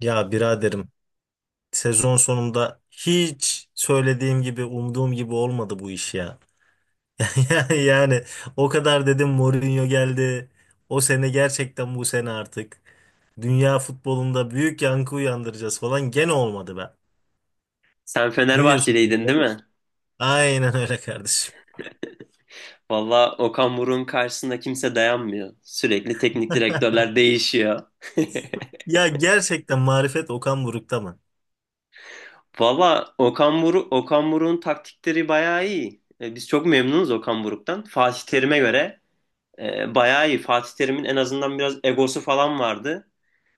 Ya biraderim sezon sonunda hiç söylediğim gibi umduğum gibi olmadı bu iş ya. Yani, o kadar dedim Mourinho geldi. O sene gerçekten bu sene artık dünya futbolunda büyük yankı uyandıracağız falan gene olmadı be. Sen Ne diyorsun bu Fenerbahçeliydin işe? değil mi? Aynen öyle kardeşim. Valla Okan Buruk'un karşısında kimse dayanmıyor. Sürekli teknik direktörler değişiyor. Ya gerçekten marifet Okan Buruk'ta mı? Valla Okan Buruk'un taktikleri bayağı iyi. Biz çok memnunuz Okan Buruk'tan. Fatih Terim'e göre bayağı iyi. Fatih Terim'in en azından biraz egosu falan vardı.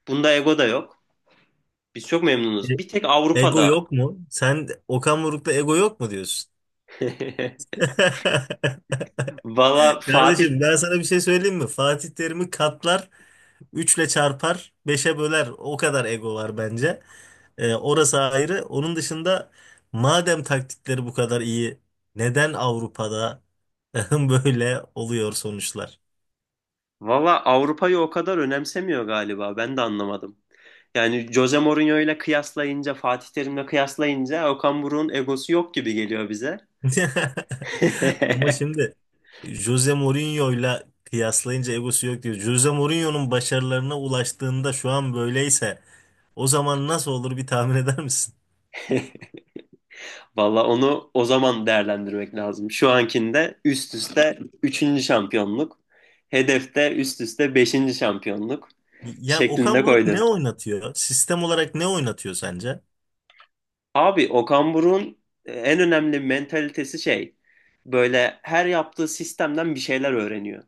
Bunda ego da yok. Biz çok memnunuz. E- Bir tek Ego Avrupa'da. yok mu? Sen Okan Buruk'ta ego yok mu diyorsun? Valla Fatih Kardeşim ben sana bir şey söyleyeyim mi? Fatih Terim'i katlar, üçle çarpar, beşe böler. O kadar ego var bence. Orası ayrı. Onun dışında madem taktikleri bu kadar iyi, neden Avrupa'da böyle oluyor sonuçlar? Valla Avrupa'yı o kadar önemsemiyor galiba. Ben de anlamadım. Yani Jose Mourinho ile kıyaslayınca, Fatih Terim'le kıyaslayınca Okan Buruk'un egosu yok gibi geliyor bize. Ama şimdi Jose Mourinho'yla kıyaslayınca egosu yok diyor. Jose Mourinho'nun başarılarına ulaştığında şu an böyleyse o zaman nasıl olur bir tahmin eder misin? Valla onu o zaman değerlendirmek lazım. Şu ankinde üst üste üçüncü şampiyonluk, hedefte üst üste beşinci şampiyonluk Ya Okan şeklinde Buruk ne koydu. oynatıyor? Sistem olarak ne oynatıyor sence? Abi Okan Buruk'un en önemli mentalitesi şey, böyle her yaptığı sistemden bir şeyler öğreniyor.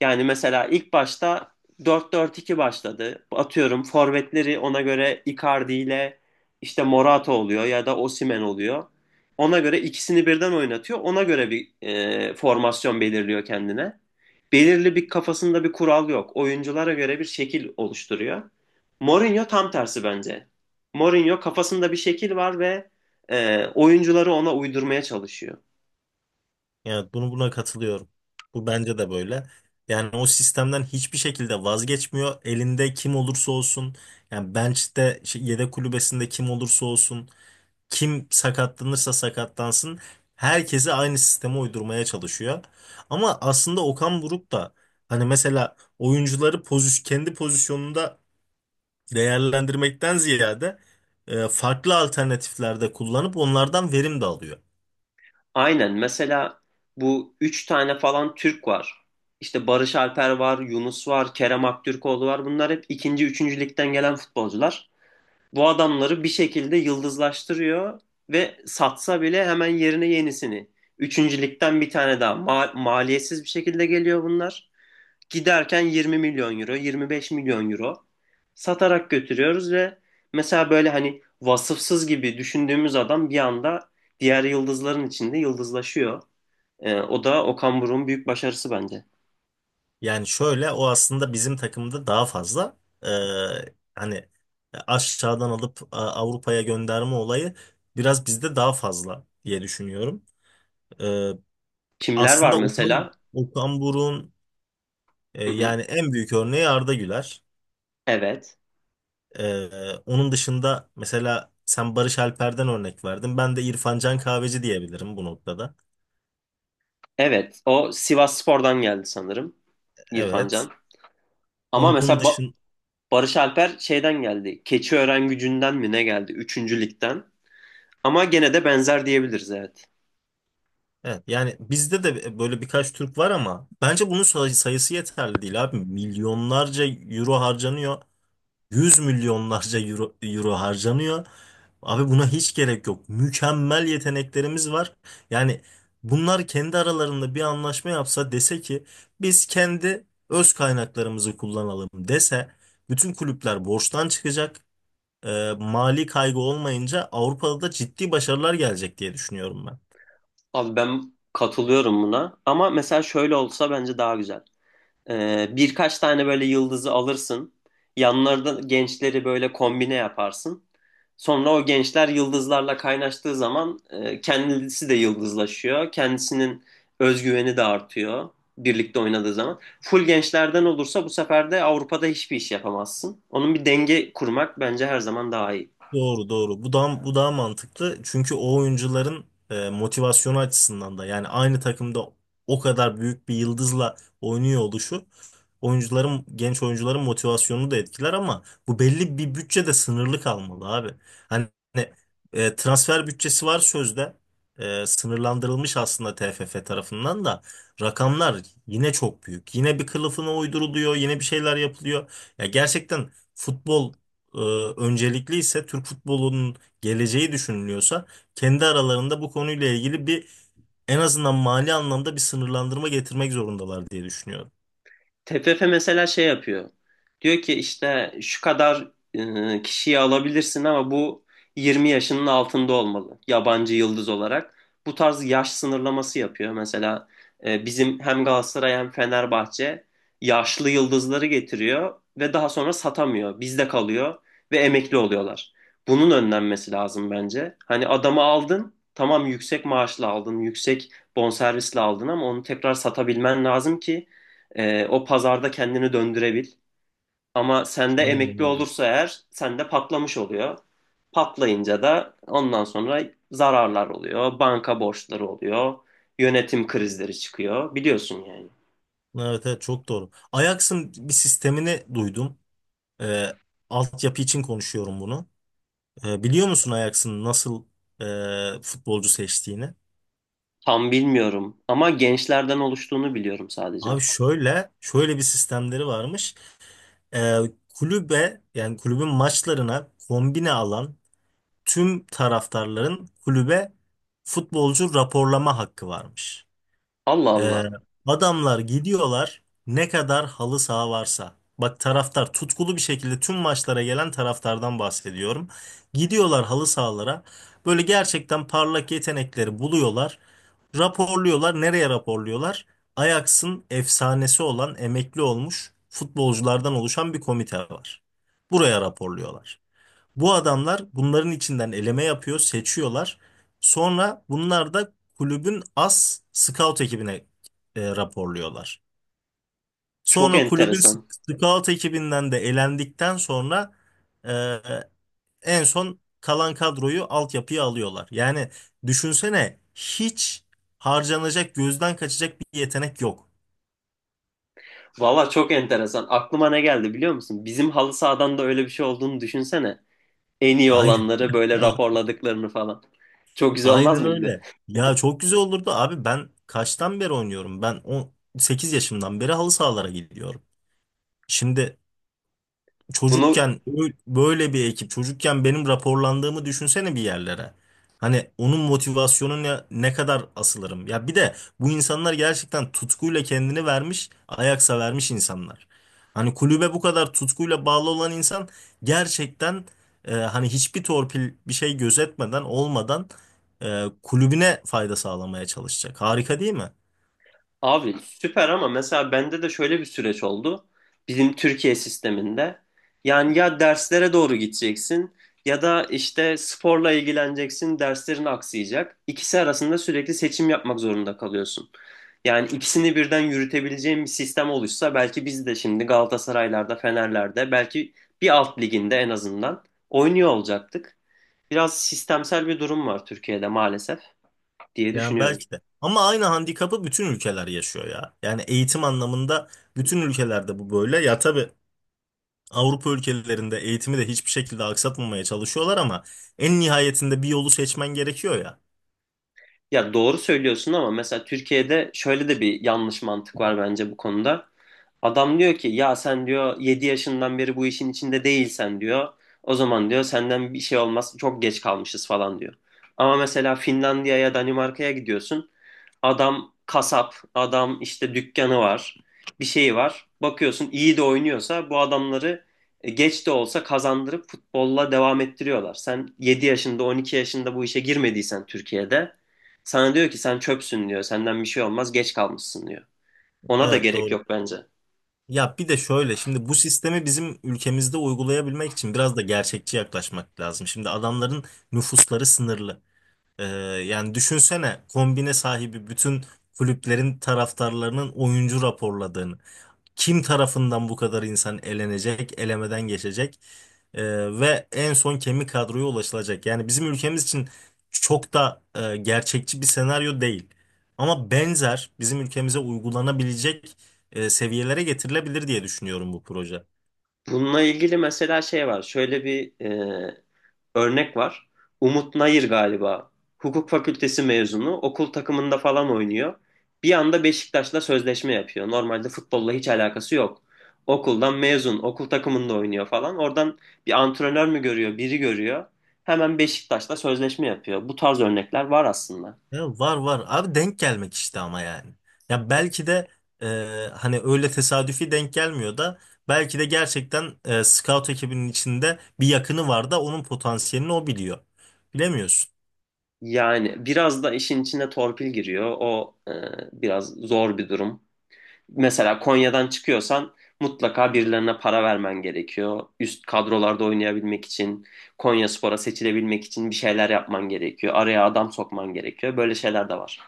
Yani mesela ilk başta 4-4-2 başladı. Atıyorum forvetleri ona göre Icardi ile işte Morata oluyor ya da Osimhen oluyor. Ona göre ikisini birden oynatıyor. Ona göre bir formasyon belirliyor kendine. Belirli bir kafasında bir kural yok. Oyunculara göre bir şekil oluşturuyor. Mourinho tam tersi bence. Mourinho kafasında bir şekil var ve oyuncuları ona uydurmaya çalışıyor. Yani bunu buna katılıyorum. Bu bence de böyle. Yani o sistemden hiçbir şekilde vazgeçmiyor. Elinde kim olursa olsun, yani bench'te şey, yedek kulübesinde kim olursa olsun, kim sakatlanırsa sakatlansın, herkese aynı sisteme uydurmaya çalışıyor. Ama aslında Okan Buruk da hani mesela oyuncuları kendi pozisyonunda değerlendirmekten ziyade farklı alternatiflerde kullanıp onlardan verim de alıyor. Aynen. Mesela bu üç tane falan Türk var. İşte Barış Alper var, Yunus var, Kerem Aktürkoğlu var. Bunlar hep ikinci, üçüncü ligden gelen futbolcular. Bu adamları bir şekilde yıldızlaştırıyor ve satsa bile hemen yerine yenisini. Üçüncü ligden bir tane daha. Maliyetsiz bir şekilde geliyor bunlar. Giderken 20 milyon euro, 25 milyon euro satarak götürüyoruz ve mesela böyle hani vasıfsız gibi düşündüğümüz adam bir anda diğer yıldızların içinde yıldızlaşıyor. O da Okan Buruk'un büyük başarısı bence. Yani şöyle o aslında bizim takımda daha fazla e, hani aşağıdan alıp Avrupa'ya gönderme olayı biraz bizde daha fazla diye düşünüyorum. E, Kimler var aslında Okan, mesela? Okan Buruk'un Hı hı. yani en büyük örneği Arda Güler. Evet. E, onun dışında mesela sen Barış Alper'den örnek verdin. Ben de İrfan Can Kahveci diyebilirim bu noktada. Evet. O Sivasspor'dan geldi sanırım İrfan Evet. Can. Ama Onun mesela dışın Barış Alper şeyden geldi. Keçiören Gücü'nden mi ne geldi? Üçüncü ligden. Ama gene de benzer diyebiliriz, evet. Evet, yani bizde de böyle birkaç Türk var ama bence bunun sayısı yeterli değil abi. Milyonlarca euro harcanıyor. Yüz milyonlarca euro harcanıyor. Abi buna hiç gerek yok. Mükemmel yeteneklerimiz var. Yani bunlar kendi aralarında bir anlaşma yapsa dese ki biz kendi öz kaynaklarımızı kullanalım dese bütün kulüpler borçtan çıkacak. Mali kaygı olmayınca Avrupa'da da ciddi başarılar gelecek diye düşünüyorum ben. Abi ben katılıyorum buna ama mesela şöyle olsa bence daha güzel. Birkaç tane böyle yıldızı alırsın. Yanlarında gençleri böyle kombine yaparsın. Sonra o gençler yıldızlarla kaynaştığı zaman kendisi de yıldızlaşıyor. Kendisinin özgüveni de artıyor birlikte oynadığı zaman. Full gençlerden olursa bu sefer de Avrupa'da hiçbir iş yapamazsın. Onun bir denge kurmak bence her zaman daha iyi. Doğru doğru. Bu daha mantıklı. Çünkü o oyuncuların motivasyonu açısından da yani aynı takımda o kadar büyük bir yıldızla oynuyor oluşu oyuncuların genç oyuncuların motivasyonunu da etkiler ama bu belli bir bütçede sınırlı kalmalı abi. Hani transfer bütçesi var sözde. Sınırlandırılmış aslında TFF tarafından da rakamlar yine çok büyük. Yine bir kılıfına uyduruluyor, yine bir şeyler yapılıyor. Ya gerçekten futbol e, öncelikli ise Türk futbolunun geleceği düşünülüyorsa kendi aralarında bu konuyla ilgili bir en azından mali anlamda bir sınırlandırma getirmek zorundalar diye düşünüyorum. TFF mesela şey yapıyor. Diyor ki işte şu kadar kişiyi alabilirsin ama bu 20 yaşının altında olmalı yabancı yıldız olarak. Bu tarz yaş sınırlaması yapıyor. Mesela bizim hem Galatasaray hem Fenerbahçe yaşlı yıldızları getiriyor ve daha sonra satamıyor. Bizde kalıyor ve emekli oluyorlar. Bunun önlenmesi lazım bence. Hani adamı aldın, tamam yüksek maaşla aldın, yüksek bonservisle aldın ama onu tekrar satabilmen lazım ki o pazarda kendini döndürebil. Ama sende Aynen emekli öyle. olursa eğer sende patlamış oluyor. Patlayınca da ondan sonra zararlar oluyor, banka borçları oluyor, yönetim krizleri çıkıyor. Biliyorsun yani. Evet, evet çok doğru. Ajax'ın bir sistemini duydum. E, altyapı için konuşuyorum bunu. Biliyor musun Ajax'ın nasıl futbolcu seçtiğini? Tam bilmiyorum ama gençlerden oluştuğunu biliyorum sadece. Abi şöyle bir sistemleri varmış. E, kulübe yani kulübün maçlarına kombine alan tüm taraftarların kulübe futbolcu raporlama hakkı varmış. Allah Ee, Allah. adamlar gidiyorlar ne kadar halı saha varsa. Bak taraftar tutkulu bir şekilde tüm maçlara gelen taraftardan bahsediyorum. Gidiyorlar halı sahalara. Böyle gerçekten parlak yetenekleri buluyorlar. Raporluyorlar. Nereye raporluyorlar? Ajax'ın efsanesi olan emekli olmuş futbolculardan oluşan bir komite var. Buraya raporluyorlar. Bu adamlar bunların içinden eleme yapıyor, seçiyorlar. Sonra bunlar da kulübün as scout ekibine raporluyorlar. Çok Sonra kulübün enteresan. scout ekibinden de elendikten sonra e, en son kalan kadroyu altyapıya alıyorlar. Yani düşünsene hiç harcanacak, gözden kaçacak bir yetenek yok. Valla çok enteresan. Aklıma ne geldi biliyor musun? Bizim halı sahadan da öyle bir şey olduğunu düşünsene. En iyi Aynen. olanları böyle raporladıklarını falan. Çok güzel olmaz Aynen mıydı? öyle. Ya çok güzel olurdu abi ben kaçtan beri oynuyorum? Ben 18 yaşımdan beri halı sahalara gidiyorum. Şimdi Bunu çocukken böyle bir ekip, çocukken benim raporlandığımı düşünsene bir yerlere. Hani onun motivasyonuna ne kadar asılırım. Ya bir de bu insanlar gerçekten tutkuyla kendini vermiş, ayaksa vermiş insanlar. Hani kulübe bu kadar tutkuyla bağlı olan insan gerçekten hani hiçbir torpil bir şey gözetmeden olmadan kulübüne fayda sağlamaya çalışacak. Harika değil mi? Abi süper ama mesela bende de şöyle bir süreç oldu. Bizim Türkiye sisteminde. Yani ya derslere doğru gideceksin ya da işte sporla ilgileneceksin, derslerin aksayacak. İkisi arasında sürekli seçim yapmak zorunda kalıyorsun. Yani ikisini birden yürütebileceğin bir sistem oluşsa belki biz de şimdi Galatasaray'larda, Fener'lerde belki bir alt liginde en azından oynuyor olacaktık. Biraz sistemsel bir durum var Türkiye'de maalesef diye Yani düşünüyorum. belki de. Ama aynı handikapı bütün ülkeler yaşıyor ya. Yani eğitim anlamında bütün ülkelerde bu böyle. Ya tabii Avrupa ülkelerinde eğitimi de hiçbir şekilde aksatmamaya çalışıyorlar ama en nihayetinde bir yolu seçmen gerekiyor ya. Ya doğru söylüyorsun ama mesela Türkiye'de şöyle de bir yanlış mantık var bence bu konuda. Adam diyor ki ya sen diyor 7 yaşından beri bu işin içinde değilsen diyor. O zaman diyor senden bir şey olmaz, çok geç kalmışız falan diyor. Ama mesela Finlandiya'ya, Danimarka'ya gidiyorsun. Adam kasap, adam işte dükkanı var, bir şeyi var. Bakıyorsun iyi de oynuyorsa bu adamları geç de olsa kazandırıp futbolla devam ettiriyorlar. Sen 7 yaşında 12 yaşında bu işe girmediysen Türkiye'de sana diyor ki sen çöpsün diyor. Senden bir şey olmaz, geç kalmışsın diyor. Ona da Evet gerek doğru. yok bence. Ya bir de şöyle şimdi bu sistemi bizim ülkemizde uygulayabilmek için biraz da gerçekçi yaklaşmak lazım. Şimdi adamların nüfusları sınırlı. Ee, Yani düşünsene kombine sahibi bütün kulüplerin taraftarlarının oyuncu raporladığını. Kim tarafından bu kadar insan elenecek, elemeden geçecek? Ee, Ve en son kemik kadroya ulaşılacak. Yani bizim ülkemiz için çok da gerçekçi bir senaryo değil. Ama benzer bizim ülkemize uygulanabilecek seviyelere getirilebilir diye düşünüyorum bu proje. Bununla ilgili mesela şey var. Şöyle bir örnek var. Umut Nayır galiba. Hukuk fakültesi mezunu. Okul takımında falan oynuyor. Bir anda Beşiktaş'la sözleşme yapıyor. Normalde futbolla hiç alakası yok. Okuldan mezun, okul takımında oynuyor falan. Oradan bir antrenör mü görüyor, biri görüyor. Hemen Beşiktaş'la sözleşme yapıyor. Bu tarz örnekler var aslında. Ya var var. Abi denk gelmek işte ama yani. Ya belki de e, hani öyle tesadüfi denk gelmiyor da belki de gerçekten scout ekibinin içinde bir yakını var da onun potansiyelini o biliyor. Bilemiyorsun. Yani biraz da işin içine torpil giriyor. O biraz zor bir durum. Mesela Konya'dan çıkıyorsan mutlaka birilerine para vermen gerekiyor. Üst kadrolarda oynayabilmek için, Konyaspor'a seçilebilmek için bir şeyler yapman gerekiyor. Araya adam sokman gerekiyor. Böyle şeyler de var.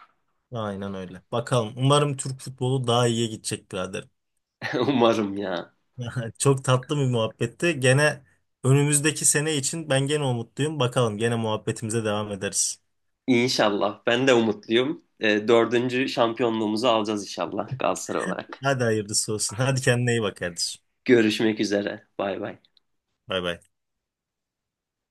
Aynen öyle. Bakalım. Umarım Türk futbolu daha iyiye gidecek birader. Umarım ya. Çok tatlı bir muhabbetti. Gene önümüzdeki sene için ben gene umutluyum. Bakalım gene muhabbetimize devam ederiz. İnşallah. Ben de umutluyum. Dördüncü şampiyonluğumuzu alacağız inşallah Galatasaray olarak. Hadi hayırlısı olsun. Hadi kendine iyi bak kardeşim. Görüşmek üzere. Bay bay. Bay bay.